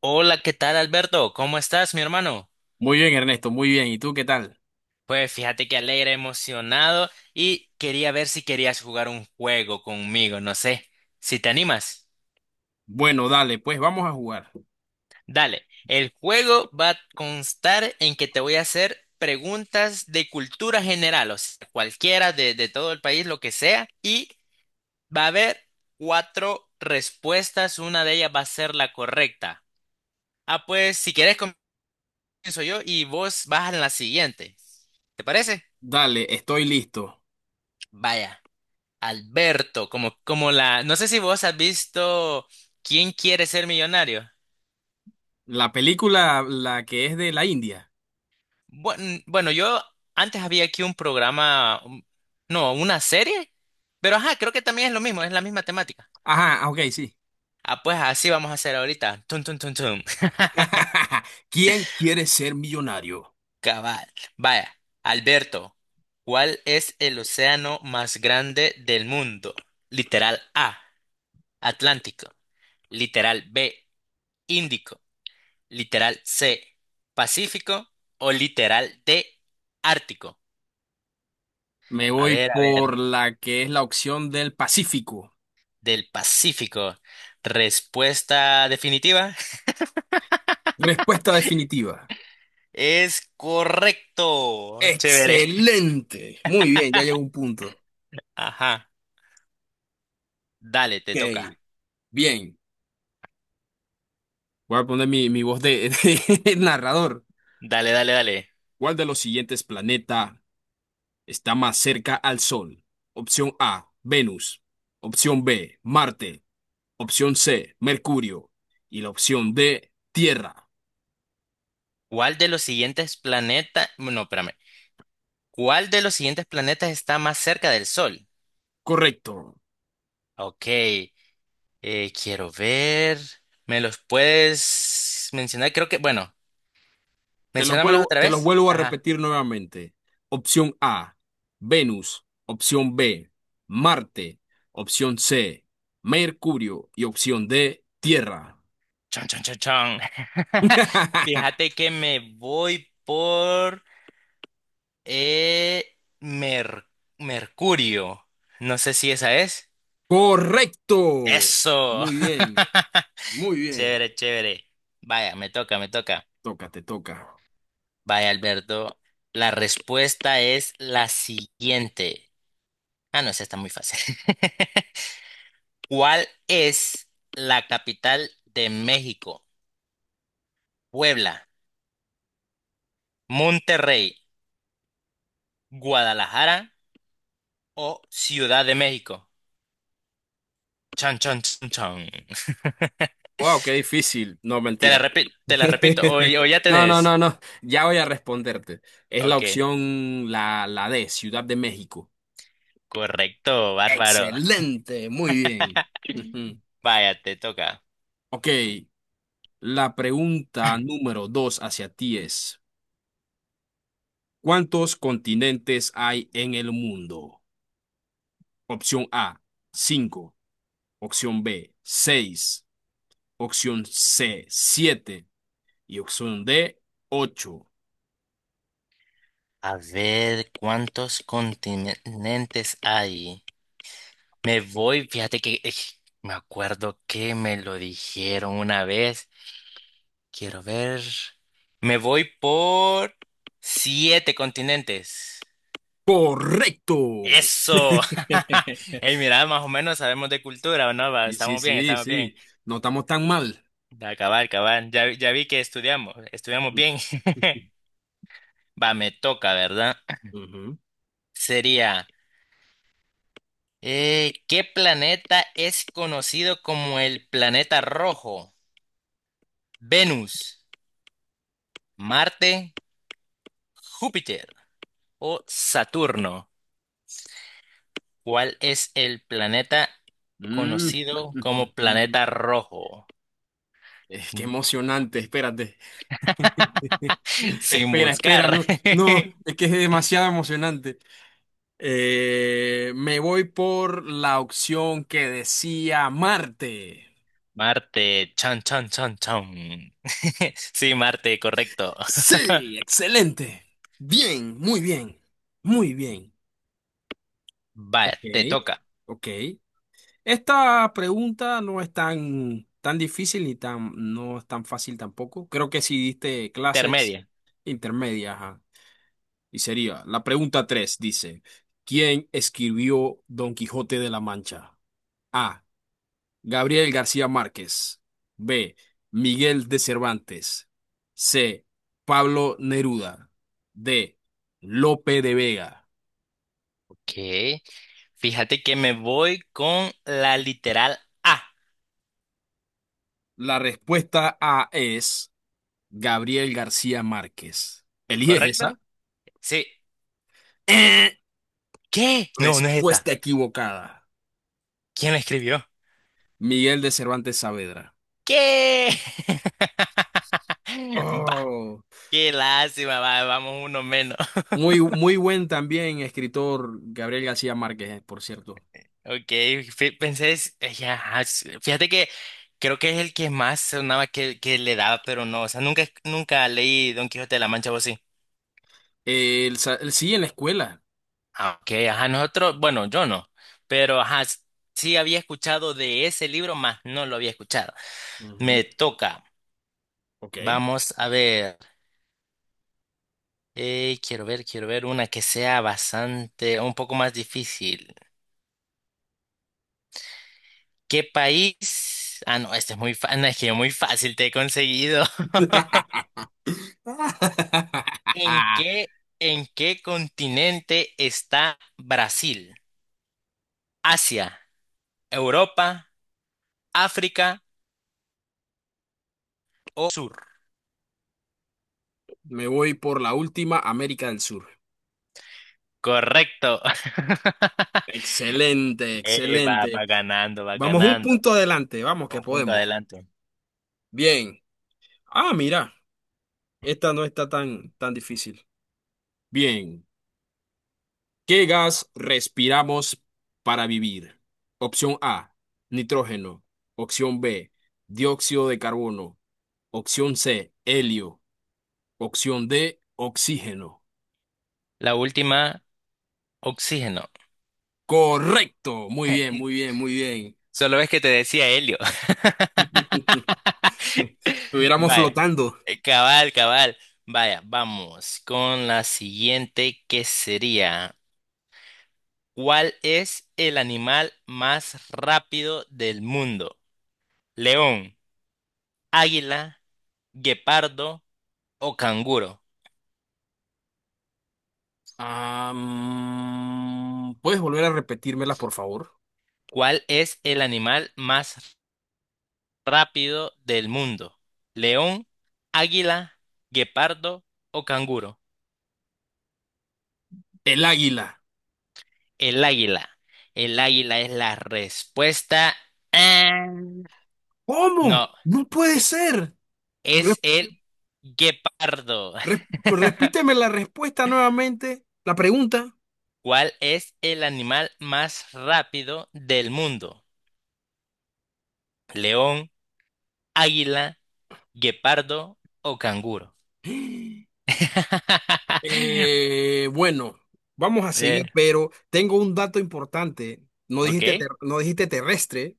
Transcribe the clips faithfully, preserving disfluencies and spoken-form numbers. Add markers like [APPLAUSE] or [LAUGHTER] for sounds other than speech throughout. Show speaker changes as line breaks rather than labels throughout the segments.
Hola, ¿qué tal Alberto? ¿Cómo estás, mi hermano?
Muy bien, Ernesto, muy bien. ¿Y tú qué tal?
Pues fíjate que alegre, emocionado y quería ver si querías jugar un juego conmigo, no sé, si te animas.
Bueno, dale, pues vamos a jugar.
Dale, el juego va a constar en que te voy a hacer preguntas de cultura general, o sea, cualquiera de, de todo el país, lo que sea, y va a haber cuatro respuestas, una de ellas va a ser la correcta. Ah, pues si quieres comienzo yo y vos vas en la siguiente, ¿te parece?
Dale, estoy listo.
Vaya. Alberto, como, como la, no sé si vos has visto ¿Quién quiere ser millonario?
La película, la que es de la India.
Buen- Bueno, yo antes había aquí un programa, un- no, una serie, pero ajá, creo que también es lo mismo, es la misma temática.
Ajá, ah, ok, sí.
Ah, pues así vamos a hacer ahorita. Tum, tum, tum, tum. [LAUGHS]
[LAUGHS] ¿Quién quiere ser millonario?
Cabal. Vaya, Alberto, ¿cuál es el océano más grande del mundo? Literal A, Atlántico. Literal B, Índico. Literal C, Pacífico o literal D, Ártico.
Me
A
voy
ver, a
por
ver,
la que es la opción del Pacífico.
del Pacífico. Respuesta definitiva. [LAUGHS]
Respuesta definitiva.
Es correcto. Chévere.
Excelente. Muy bien, ya llegó un punto.
Ajá. Dale, te toca.
Ok, bien. Voy a poner mi, mi voz de, [LAUGHS] de narrador.
Dale, dale, dale.
¿Cuál de los siguientes planetas está más cerca al Sol? Opción A, Venus. Opción B, Marte. Opción C, Mercurio. Y la opción D, Tierra.
¿Cuál de los siguientes planetas... No, espérame. ¿Cuál de los siguientes planetas está más cerca del Sol?
Correcto.
Ok, eh, quiero ver. ¿Me los puedes mencionar? Creo que... Bueno,
Te los
menciónamelos
vuelvo,
otra
te los
vez.
vuelvo a
Ajá.
repetir nuevamente. Opción A, Venus. Opción B, Marte. Opción C, Mercurio. Y opción D, Tierra.
Chon, chon, chon, chon. [LAUGHS]
[LAUGHS]
Fíjate que me voy por eh, Mer- Mercurio. No sé si esa es.
Correcto.
Eso.
Muy bien,
[LAUGHS]
muy bien.
Chévere, chévere. Vaya, me toca, me toca.
Toca, te toca.
Vaya, Alberto. La respuesta es la siguiente. Ah, no, esa está muy fácil. [LAUGHS] ¿Cuál es la capital de México? Puebla, Monterrey, Guadalajara o Ciudad de México. Chan, chan, chan, chan.
Wow, qué difícil. No,
Te la
mentira.
repito, te la repito, o, o
[LAUGHS]
ya
No, no,
tenés.
no, no. Ya voy a responderte. Es la
Ok,
opción, la, la D, Ciudad de México.
correcto, bárbaro.
Excelente, muy bien. Ujú.
Vaya, te toca.
Ok, la pregunta número dos hacia ti es, ¿cuántos continentes hay en el mundo? Opción A, cinco. Opción B, seis. Opción C, siete. Y opción D, ocho.
A ver, ¿cuántos continentes hay? Me voy, fíjate que eh, me acuerdo que me lo dijeron una vez. Quiero ver. Me voy por siete continentes.
Correcto.
Eso. [LAUGHS] Hey,
[LAUGHS]
mira, más o menos sabemos de cultura, ¿o no? Va,
Sí, sí,
estamos bien,
sí,
estamos bien.
sí. No estamos tan mal.
Acabar, acabar. Ya, ya vi que estudiamos, estudiamos bien.
[LAUGHS]
[LAUGHS] Va, me toca, ¿verdad?
Ujú.
Sería, eh, ¿qué planeta es conocido como el planeta rojo? ¿Venus, Marte, Júpiter o Saturno? ¿Cuál es el planeta
Mm.
conocido como planeta
[LAUGHS]
rojo?
Es que
[LAUGHS]
emocionante, espérate. [LAUGHS]
Sin
Espera, espera,
buscar.
no, no,
[LAUGHS]
es que es demasiado emocionante. Eh, me voy por la opción que decía Marte.
Marte, chan, chan, chan, chan. [LAUGHS] Sí, Marte, correcto.
Sí, excelente. Bien, muy bien, muy bien.
Va,
Ok,
te toca.
ok. Esta pregunta no es tan, tan difícil ni tan, no es tan fácil tampoco. Creo que si diste clases
Intermedia.
intermedias, ajá. Y sería, la pregunta tres dice, ¿quién escribió Don Quijote de la Mancha? A. Gabriel García Márquez. B. Miguel de Cervantes. C. Pablo Neruda. D. Lope de Vega.
Ok. Fíjate que me voy con la literal A,
La respuesta A es Gabriel García Márquez. ¿Eliges
¿correcto?
esa?
Sí.
Eh,
¿Qué? No, no es esa.
Respuesta equivocada.
¿Quién la escribió?
Miguel de Cervantes Saavedra.
¿Qué? [LAUGHS] Bah,
Oh,
qué lástima, va, vamos uno menos.
muy, muy buen también escritor Gabriel García Márquez, eh, por cierto.
Ok, fí- pensé, es- eh, ya, ajá, s- fíjate que creo que es el que más sonaba que, que le daba, pero no, o sea, nunca, nunca leí Don Quijote de la Mancha, ¿vos sí?
Eh, el, sa- el sí en la escuela.
Ah, ok, ajá, nosotros, bueno, yo no, pero ajá, s- sí había escuchado de ese libro, más no lo había escuchado.
Ujú,
Me toca,
Ok.
vamos a ver, eh, quiero ver, quiero ver una que sea bastante, un poco más difícil. ¿Qué país? Ah, no, este es muy fácil, es que muy fácil te he conseguido. [LAUGHS]
[LAUGHS]
¿En qué, en qué continente está Brasil? ¿Asia, Europa, África o Sur?
Me voy por la última, América del Sur.
Correcto. [LAUGHS]
Excelente,
Eh, va,
excelente.
va ganando, va
Vamos un
ganando.
punto adelante, vamos que
Un punto
podemos.
adelante.
Bien. Ah, mira, esta no está tan, tan difícil. Bien. ¿Qué gas respiramos para vivir? Opción A, nitrógeno. Opción B, dióxido de carbono. Opción C, helio. Opción D, oxígeno.
La última, oxígeno.
Correcto. Muy bien, muy
[LAUGHS]
bien, muy bien.
Solo es que te decía helio.
[LAUGHS]
[LAUGHS]
Estuviéramos
Vaya,
flotando.
eh, cabal, cabal. Vaya, vamos con la siguiente que sería, ¿cuál es el animal más rápido del mundo? ¿León, águila, guepardo o canguro?
Ah, mm, ¿puedes volver a repetírmela, por favor?
¿Cuál es el animal más rápido del mundo? ¿León, águila, guepardo o canguro?
El águila.
El águila. El águila es la respuesta. Ah,
¿Cómo?
no,
No puede
e-
ser. Re-
es el guepardo.
re-
[LAUGHS]
Repíteme la respuesta nuevamente, la pregunta.
¿Cuál es el animal más rápido del mundo? ¿León, águila, guepardo o canguro?
[GASPS]
[LAUGHS]
Eh, bueno, vamos a
Eh,
seguir, pero tengo un dato importante. No
ok,
dijiste, ter- no dijiste terrestre,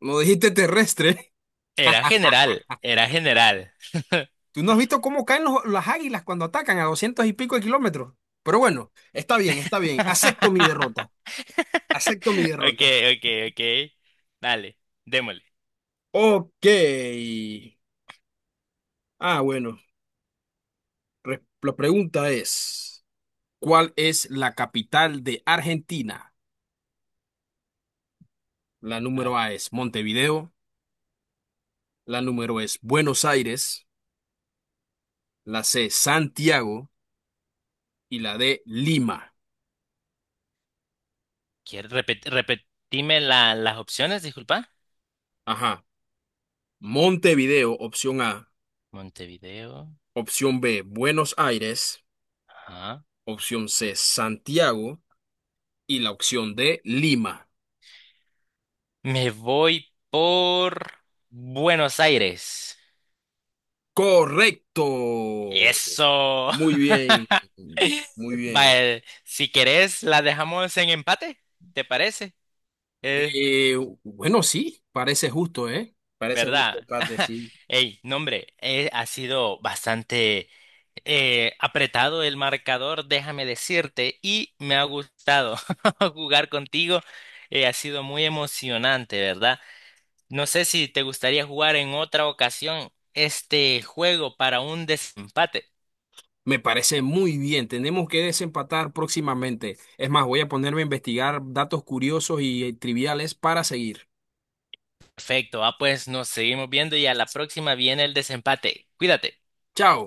no dijiste terrestre.
era general, era general.
[LAUGHS] ¿Tú no has visto cómo caen los- las águilas cuando atacan a doscientos y pico de kilómetros? Pero bueno, está bien,
[LAUGHS]
está bien. Acepto mi derrota.
[LAUGHS]
Acepto mi derrota.
Okay, okay, okay. Dale, démosle.
Ok. Ah, bueno. re- La pregunta es, ¿cuál es la capital de Argentina? La
A
número
ver,
A es Montevideo, la número es Buenos Aires. La C, Santiago. Y la D, Lima.
¿quieres repet- repetirme la- las opciones? Disculpa.
Ajá. Montevideo, opción A.
Montevideo.
Opción B, Buenos Aires.
Ajá.
Opción C, Santiago. Y la opción D, Lima.
Me voy por Buenos Aires.
Correcto.
Eso.
Muy
[LAUGHS]
bien. Muy bien.
Vale, si querés, la dejamos en empate. ¿Te parece? Eh,
Eh, bueno, sí, parece justo, ¿eh? Parece justo,
¿Verdad?
Kate,
[LAUGHS]
sí.
Ey, no hombre, eh, ha sido bastante eh, apretado el marcador, déjame decirte, y me ha gustado [LAUGHS] jugar contigo. Eh, ha sido muy emocionante, ¿verdad? No sé si te gustaría jugar en otra ocasión este juego para un desempate.
Me parece muy bien. Tenemos que desempatar próximamente. Es más, voy a ponerme a investigar datos curiosos y eh, triviales para seguir.
Perfecto, ah, pues nos seguimos viendo y a la próxima viene el desempate. Cuídate.
Chao.